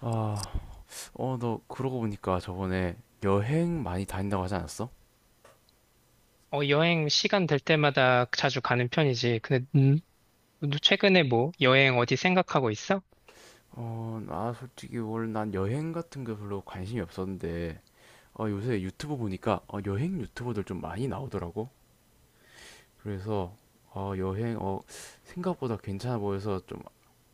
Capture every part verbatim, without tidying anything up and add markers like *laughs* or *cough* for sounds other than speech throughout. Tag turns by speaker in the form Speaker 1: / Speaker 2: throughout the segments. Speaker 1: 아, 어, 너 그러고 보니까 저번에 여행 많이 다닌다고 하지 않았어?
Speaker 2: 어, 여행 시간 될 때마다 자주 가는 편이지. 근데, 음, 너 최근에 뭐, 여행 어디 생각하고 있어?
Speaker 1: 어, 나 솔직히 원래 난 여행 같은 거 별로 관심이 없었는데, 어, 요새 유튜브 보니까 어, 여행 유튜버들 좀 많이 나오더라고. 그래서 어, 여행 어, 생각보다 괜찮아 보여서 좀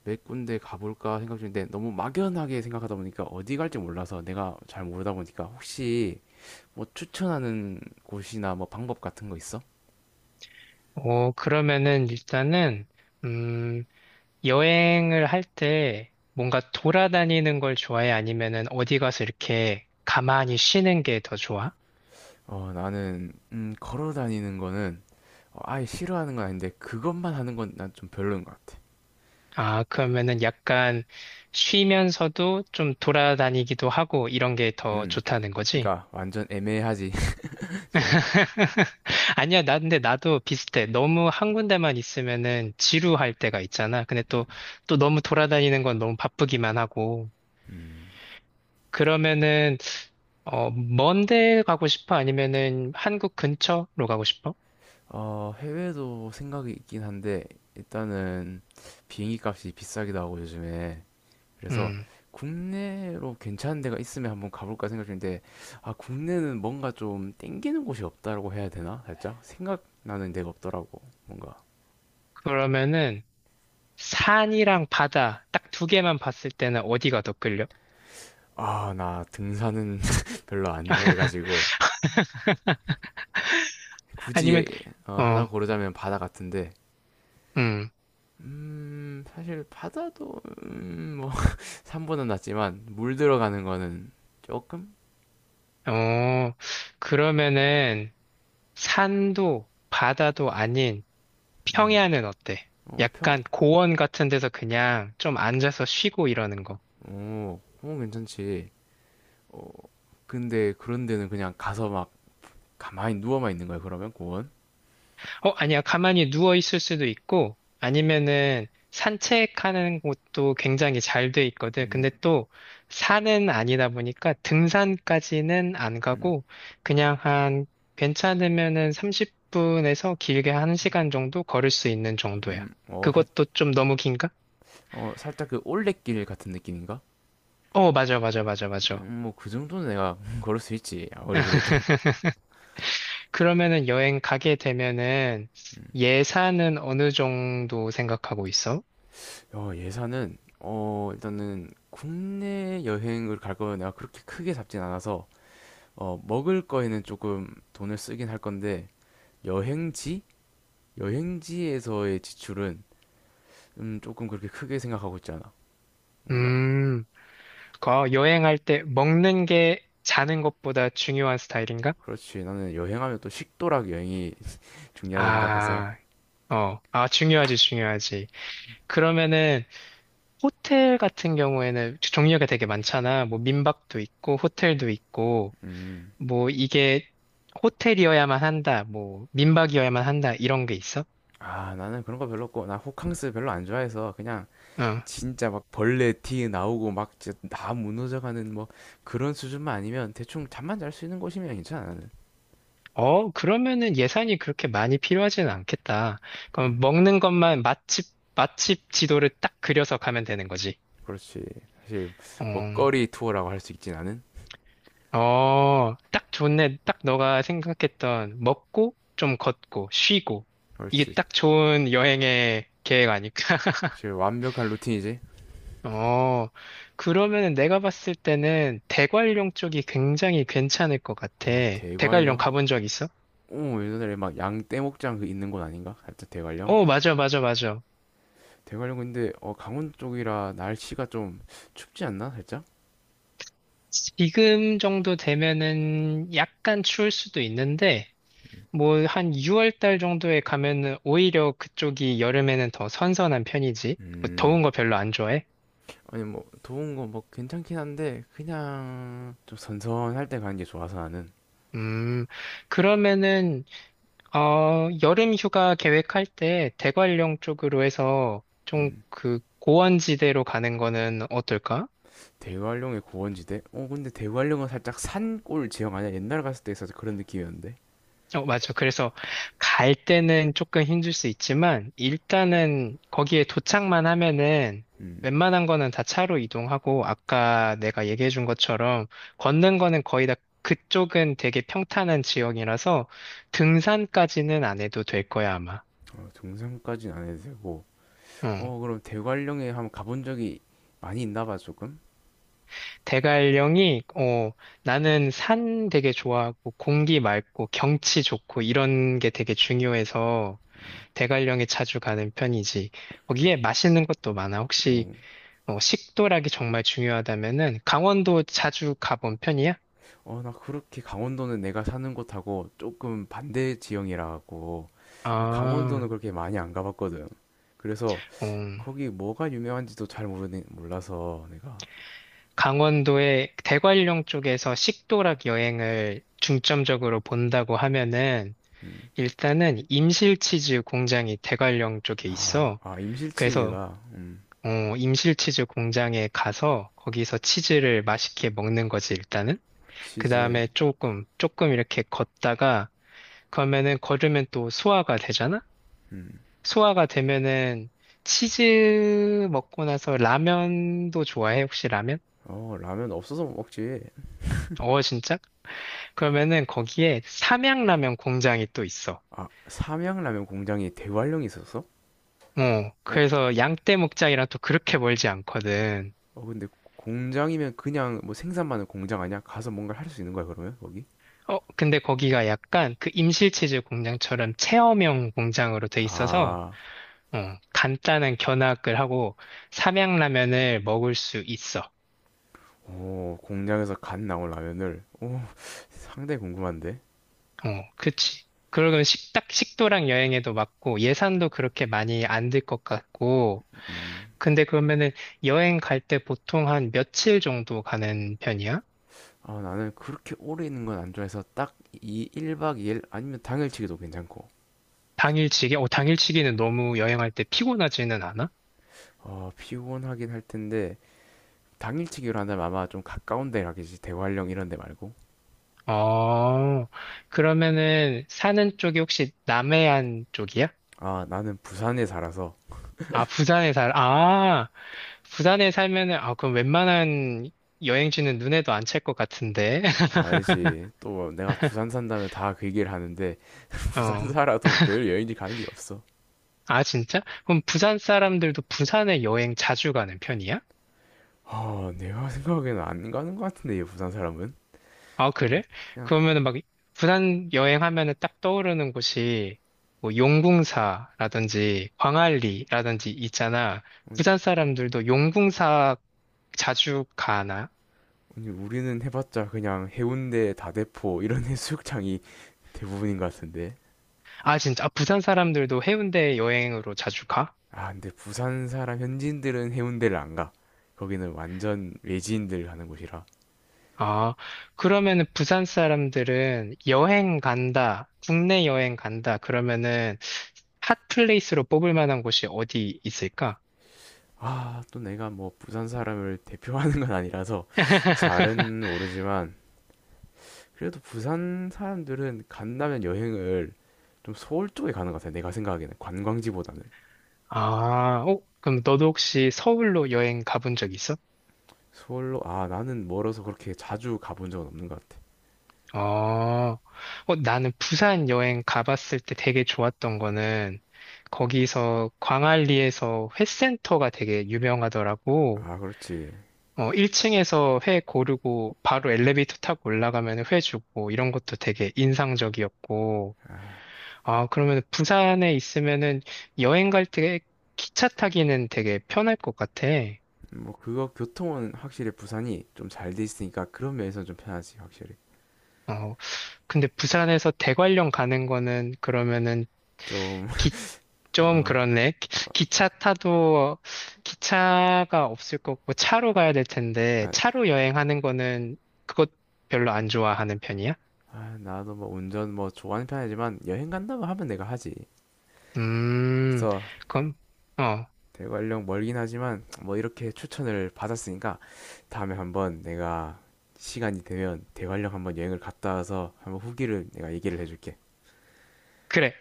Speaker 1: 몇 군데 가볼까 생각 중인데, 너무 막연하게 생각하다 보니까 어디 갈지 몰라서, 내가 잘 모르다 보니까 혹시 뭐 추천하는 곳이나 뭐 방법 같은 거 있어?
Speaker 2: 어, 그러면은 일단은, 음, 여행을 할 때 뭔가 돌아다니는 걸 좋아해? 아니면은 어디 가서 이렇게 가만히 쉬는 게 더 좋아?
Speaker 1: 어, 나는 음, 걸어 다니는 거는 어, 아예 싫어하는 건 아닌데 그것만 하는 건 난 좀 별로인 것 같아.
Speaker 2: 아, 그러면은 약간 쉬면서도 좀 돌아다니기도 하고 이런 게 더
Speaker 1: 음,
Speaker 2: 좋다는 거지?
Speaker 1: 그러니까 완전 애매하지 *laughs* 좀.
Speaker 2: *laughs* 아니야, 나, 근데 나도 비슷해. 너무 한 군데만 있으면은 지루할 때가 있잖아. 근데 또, 또 너무 돌아다니는 건 너무 바쁘기만 하고.
Speaker 1: 음,
Speaker 2: 그러면은, 어, 먼데 가고 싶어? 아니면은 한국 근처로 가고 싶어?
Speaker 1: 어, 해외도 생각이 있긴 한데, 일단은 비행기 값이 비싸기도 하고 요즘에. 그래서
Speaker 2: 음,
Speaker 1: 국내로 괜찮은 데가 있으면 한번 가볼까 생각 중인데, 아, 국내는 뭔가 좀 땡기는 곳이 없다라고 해야 되나? 살짝 생각나는 데가 없더라고 뭔가.
Speaker 2: 그러면은 산이랑 바다 딱 두 개만 봤을 때는 어디가 더 끌려?
Speaker 1: 아, 나 등산은 *laughs* 별로 안 좋아해가지고 굳이,
Speaker 2: 아니면,
Speaker 1: 어, 하나
Speaker 2: 어,
Speaker 1: 고르자면 바다 같은데,
Speaker 2: 음,
Speaker 1: 음, 사실 바다도 음, 뭐 *laughs* 산보다 낫지만 물 들어가는 거는 조금.
Speaker 2: 어, 그러면은 산도 바다도 아닌
Speaker 1: 음어평어,
Speaker 2: 평야는 어때?
Speaker 1: 어, 평,
Speaker 2: 약간 고원 같은 데서 그냥 좀 앉아서 쉬고 이러는 거.
Speaker 1: 어, 어, 괜찮지. 어, 근데 그런 데는 그냥 가서 막 가만히 누워만 있는 거야? 그러면 고원.
Speaker 2: 어, 아니야. 가만히 누워 있을 수도 있고, 아니면은 산책하는 곳도 굉장히 잘 돼 있거든. 근데
Speaker 1: 음음음어.
Speaker 2: 또 산은 아니다 보니까 등산까지는 안 가고, 그냥 한, 괜찮으면은 삼십 분에서 길게 한 시간 정도 걸을 수 있는 정도야.
Speaker 1: 살,
Speaker 2: 그것도 좀 너무 긴가?
Speaker 1: 어, 살짝 그 올레길 같은 느낌인가.
Speaker 2: 어, 맞아, 맞아, 맞아, 맞아.
Speaker 1: 음, 뭐 그 정도는 내가 *laughs* 걸을 수 있지 아무리 그래도.
Speaker 2: *laughs* 그러면은 여행 가게 되면은
Speaker 1: 음,
Speaker 2: 예산은 어느 정도 생각하고 있어?
Speaker 1: 어, 예산은 어, 일단은 국내 여행을 갈 거면 내가 그렇게 크게 잡진 않아서. 어, 먹을 거에는 조금 돈을 쓰긴 할 건데, 여행지? 여행지에서의 지출은 음, 조금 그렇게 크게 생각하고 있지 않아. 뭔가.
Speaker 2: 음, 거 여행할 때 먹는 게 자는 것보다 중요한 스타일인가?
Speaker 1: 그렇지. 나는 여행하면 또 식도락 여행이 *laughs* 중요하다 생각해서.
Speaker 2: 아, 어, 아, 중요하지, 중요하지. 그러면은 호텔 같은 경우에는 종류가 되게 많잖아. 뭐 민박도 있고, 호텔도 있고,
Speaker 1: 음.
Speaker 2: 뭐 이게 호텔이어야만 한다, 뭐 민박이어야만 한다, 이런 게 있어?
Speaker 1: 아, 나는 그런 거 별로 없고, 나 호캉스 별로 안 좋아해서 그냥
Speaker 2: 응.
Speaker 1: 진짜 막 벌레 티 나오고 막 진짜 다 무너져가는 뭐 그런 수준만 아니면 대충 잠만 잘 수 있는 곳이면 괜찮아 나는.
Speaker 2: 어, 그러면은 예산이 그렇게 많이 필요하지는 않겠다. 그럼 먹는 것만 맛집, 맛집 지도를 딱 그려서 가면 되는 거지.
Speaker 1: 그렇지. 사실
Speaker 2: 어,
Speaker 1: 먹거리 투어라고 할 수 있진 않은.
Speaker 2: 어, 딱 좋네. 딱 너가 생각했던 먹고, 좀 걷고, 쉬고.
Speaker 1: 그렇지.
Speaker 2: 이게 딱 좋은 여행의 계획 아닐까? *laughs*
Speaker 1: 사실 완벽한 루틴이지.
Speaker 2: 어, 그러면은 내가 봤을 때는 대관령 쪽이 굉장히 괜찮을 것 같아.
Speaker 1: 어,
Speaker 2: 대관령
Speaker 1: 대관령.
Speaker 2: 가본 적 있어?
Speaker 1: 어, 예전에 막 양떼목장 그 있는 곳 아닌가 살짝 대관령.
Speaker 2: 어, 맞아, 맞아, 맞아.
Speaker 1: 대관령 근데 어, 강원 쪽이라 날씨가 좀 춥지 않나 살짝.
Speaker 2: 지금 정도 되면은 약간 추울 수도 있는데, 뭐 한 유월 달 정도에 가면은 오히려 그쪽이 여름에는 더 선선한 편이지. 뭐
Speaker 1: 음.
Speaker 2: 더운 거 별로 안 좋아해?
Speaker 1: 아니 뭐 더운 거 뭐 괜찮긴 한데 그냥 좀 선선할 때 가는 게 좋아서 나는.
Speaker 2: 음, 그러면은, 어, 여름 휴가 계획할 때 대관령 쪽으로 해서 좀
Speaker 1: 음.
Speaker 2: 그 고원지대로 가는 거는 어떨까?
Speaker 1: 대관령의 고원지대? 어, 근데 대관령은 살짝 산골 지형 아니야? 옛날 갔을 때 있어서 그런 느낌이었는데.
Speaker 2: 어, 맞아. 그래서 갈 때는 조금 힘들 수 있지만, 일단은 거기에 도착만 하면은
Speaker 1: 음.
Speaker 2: 웬만한 거는 다 차로 이동하고, 아까 내가 얘기해 준 것처럼 걷는 거는 거의 다 그쪽은 되게 평탄한 지역이라서 등산까지는 안 해도 될 거야, 아마.
Speaker 1: 어, 등산까지는 안 해도 되고.
Speaker 2: 어.
Speaker 1: 어, 그럼 대관령에 한번 가본 적이 많이 있나 봐 조금.
Speaker 2: 대관령이, 어, 나는 산 되게 좋아하고, 공기 맑고, 경치 좋고, 이런 게 되게 중요해서, 대관령에 자주 가는 편이지. 거기에 맛있는 것도 많아.
Speaker 1: 어.
Speaker 2: 혹시, 어, 식도락이 정말 중요하다면은, 강원도 자주 가본 편이야?
Speaker 1: 어, 나 그렇게 강원도는 내가 사는 곳하고 조금 반대 지형이라 갖고
Speaker 2: 아,
Speaker 1: 강원도는 그렇게 많이 안 가봤거든. 그래서
Speaker 2: 어,
Speaker 1: 거기 뭐가 유명한지도 잘 모르는 몰라서 내가.
Speaker 2: 강원도의 대관령 쪽에서 식도락 여행을 중점적으로 본다고 하면은,
Speaker 1: 음.
Speaker 2: 일단은 임실치즈 공장이 대관령 쪽에
Speaker 1: 아,
Speaker 2: 있어.
Speaker 1: 아
Speaker 2: 그래서
Speaker 1: 임실치즈가 음.
Speaker 2: 어, 임실치즈 공장에 가서 거기서 치즈를 맛있게 먹는 거지, 일단은. 그
Speaker 1: 치즈.
Speaker 2: 다음에 조금, 조금 이렇게 걷다가, 그러면은 걸으면 또 소화가 되잖아?
Speaker 1: 음.
Speaker 2: 소화가 되면은 치즈 먹고 나서 라면도 좋아해, 혹시 라면?
Speaker 1: 어, 라면 없어서 못 먹지.
Speaker 2: 어, 진짜? 그러면은 거기에 삼양라면 공장이 또 있어.
Speaker 1: 아, 삼양라면 공장이 대관령에 있었어?
Speaker 2: 어,
Speaker 1: 어,
Speaker 2: 그래서 양떼목장이랑 또 그렇게 멀지 않거든.
Speaker 1: 어, 근데 공장이면 그냥 뭐 생산만 은 공장 아니야? 가서 뭔가 할 수 있는 거야, 그러면? 거기?
Speaker 2: 어, 근데 거기가 약간 그 임실치즈 공장처럼 체험형 공장으로 돼 있어서
Speaker 1: 아,
Speaker 2: 어, 간단한 견학을 하고 삼양라면을 먹을 수 있어.
Speaker 1: 오, 공장에서 갓 나온 라면을. 오, *laughs* 상당히 궁금한데.
Speaker 2: 어, 그치. 그러면 식탁, 식도락 여행에도 맞고 예산도 그렇게 많이 안 들 것 같고.
Speaker 1: 음.
Speaker 2: 근데 그러면은 여행 갈 때 보통 한 며칠 정도 가는 편이야?
Speaker 1: 아, 나는 그렇게 오래 있는 건 안 좋아해서 딱 이 일 박 이 일 아니면 당일치기도 괜찮고.
Speaker 2: 당일치기? 어, 당일치기는 너무 여행할 때 피곤하지는 않아?
Speaker 1: 어, 피곤하긴 할 텐데 당일치기로 한다면 아마 좀 가까운 데 가겠지. 대관령 이런 데 말고.
Speaker 2: 어, 그러면은 사는 쪽이 혹시 남해안 쪽이야?
Speaker 1: 아, 나는 부산에 살아서.
Speaker 2: 아, 부산에 살, 아, 부산에 살면은, 아, 그럼 웬만한 여행지는 눈에도 안 찰 것 같은데. *laughs*
Speaker 1: 알지. 또 내가 부산 산다면 다 그 얘기를 하는데 *laughs* 부산
Speaker 2: 어.
Speaker 1: 살아도 매일 여행지 가는 게 없어.
Speaker 2: 아, 진짜? 그럼 부산 사람들도 부산에 여행 자주 가는 편이야?
Speaker 1: 아, 내가 생각에는 안 가는 것 같은데 이 부산 사람은.
Speaker 2: 아, 그래?
Speaker 1: 그냥.
Speaker 2: 그러면은 막, 부산 여행하면은 딱 떠오르는 곳이, 뭐, 용궁사라든지, 광안리라든지 있잖아.
Speaker 1: 아니,
Speaker 2: 부산 사람들도 용궁사 자주 가나?
Speaker 1: 아니, 우리는 해봤자 그냥 해운대, 다대포 이런 *laughs* 해수욕장이 대부분인 것 같은데.
Speaker 2: 아, 진짜? 아, 부산 사람들도 해운대 여행으로 자주 가?
Speaker 1: 아, 근데 부산 사람 현지인들은 해운대를 안 가. 거기는 완전 외지인들 가는 곳이라.
Speaker 2: 아, 그러면은 부산 사람들은 여행 간다, 국내 여행 간다, 그러면은 핫플레이스로 뽑을 만한 곳이 어디 있을까?
Speaker 1: 아, 또 내가 뭐 부산 사람을 대표하는 건 아니라서 잘은
Speaker 2: *laughs*
Speaker 1: 모르지만 그래도 부산 사람들은 간다면 여행을 좀 서울 쪽에 가는 것 같아요. 내가 생각하기에는 관광지보다는.
Speaker 2: 아, 어, 그럼 너도 혹시 서울로 여행 가본 적 있어?
Speaker 1: 서울로. 아, 나는 멀어서 그렇게 자주 가본 적은 없는 것 같아.
Speaker 2: 어, 어, 나는 부산 여행 가봤을 때 되게 좋았던 거는 거기서 광안리에서 회센터가 되게 유명하더라고.
Speaker 1: 아, 그렇지.
Speaker 2: 어, 일 층에서 회 고르고 바로 엘리베이터 타고 올라가면 회 주고 이런 것도 되게 인상적이었고, 아, 그러면 부산에 있으면은 여행 갈 때 기차 타기는 되게 편할 것 같아.
Speaker 1: 뭐 그거 교통은 확실히 부산이 좀 잘 돼 있으니까 그런 면에서는 좀 편하지 확실히.
Speaker 2: 어, 근데 부산에서 대관령 가는 거는 그러면은
Speaker 1: 좀.
Speaker 2: 기,
Speaker 1: *laughs*
Speaker 2: 좀
Speaker 1: 어.
Speaker 2: 그렇네. 기- 기차 타도 기차가 없을 거고 차로 가야 될 텐데
Speaker 1: 아,
Speaker 2: 차로 여행하는 거는 그것 별로 안 좋아하는 편이야?
Speaker 1: 아, 나도 뭐 운전 뭐 좋아하는 편이지만 여행 간다고 하면 내가 하지.
Speaker 2: 음,
Speaker 1: 그래서
Speaker 2: 그럼, 어,
Speaker 1: 대관령 멀긴 하지만 뭐 이렇게 추천을 받았으니까 다음에 한번 내가 시간이 되면 대관령 한번 여행을 갔다 와서 한번 후기를 내가 얘기를 해줄게.
Speaker 2: 그래.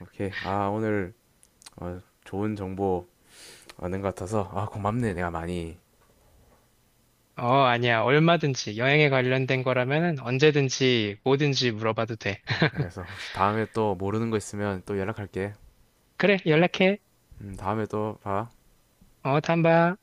Speaker 1: 오케이. 아, 오늘 어, 좋은 정보 얻은 것 같아서 아, 고맙네 내가 많이.
Speaker 2: 어, 아니야. 얼마든지 여행에 관련된 거라면 언제든지 뭐든지 물어봐도 돼. *laughs*
Speaker 1: 그래서 혹시 다음에 또 모르는 거 있으면 또 연락할게.
Speaker 2: 그래, 연락해.
Speaker 1: 음, 다음에 또 봐.
Speaker 2: 어, 다음 봐.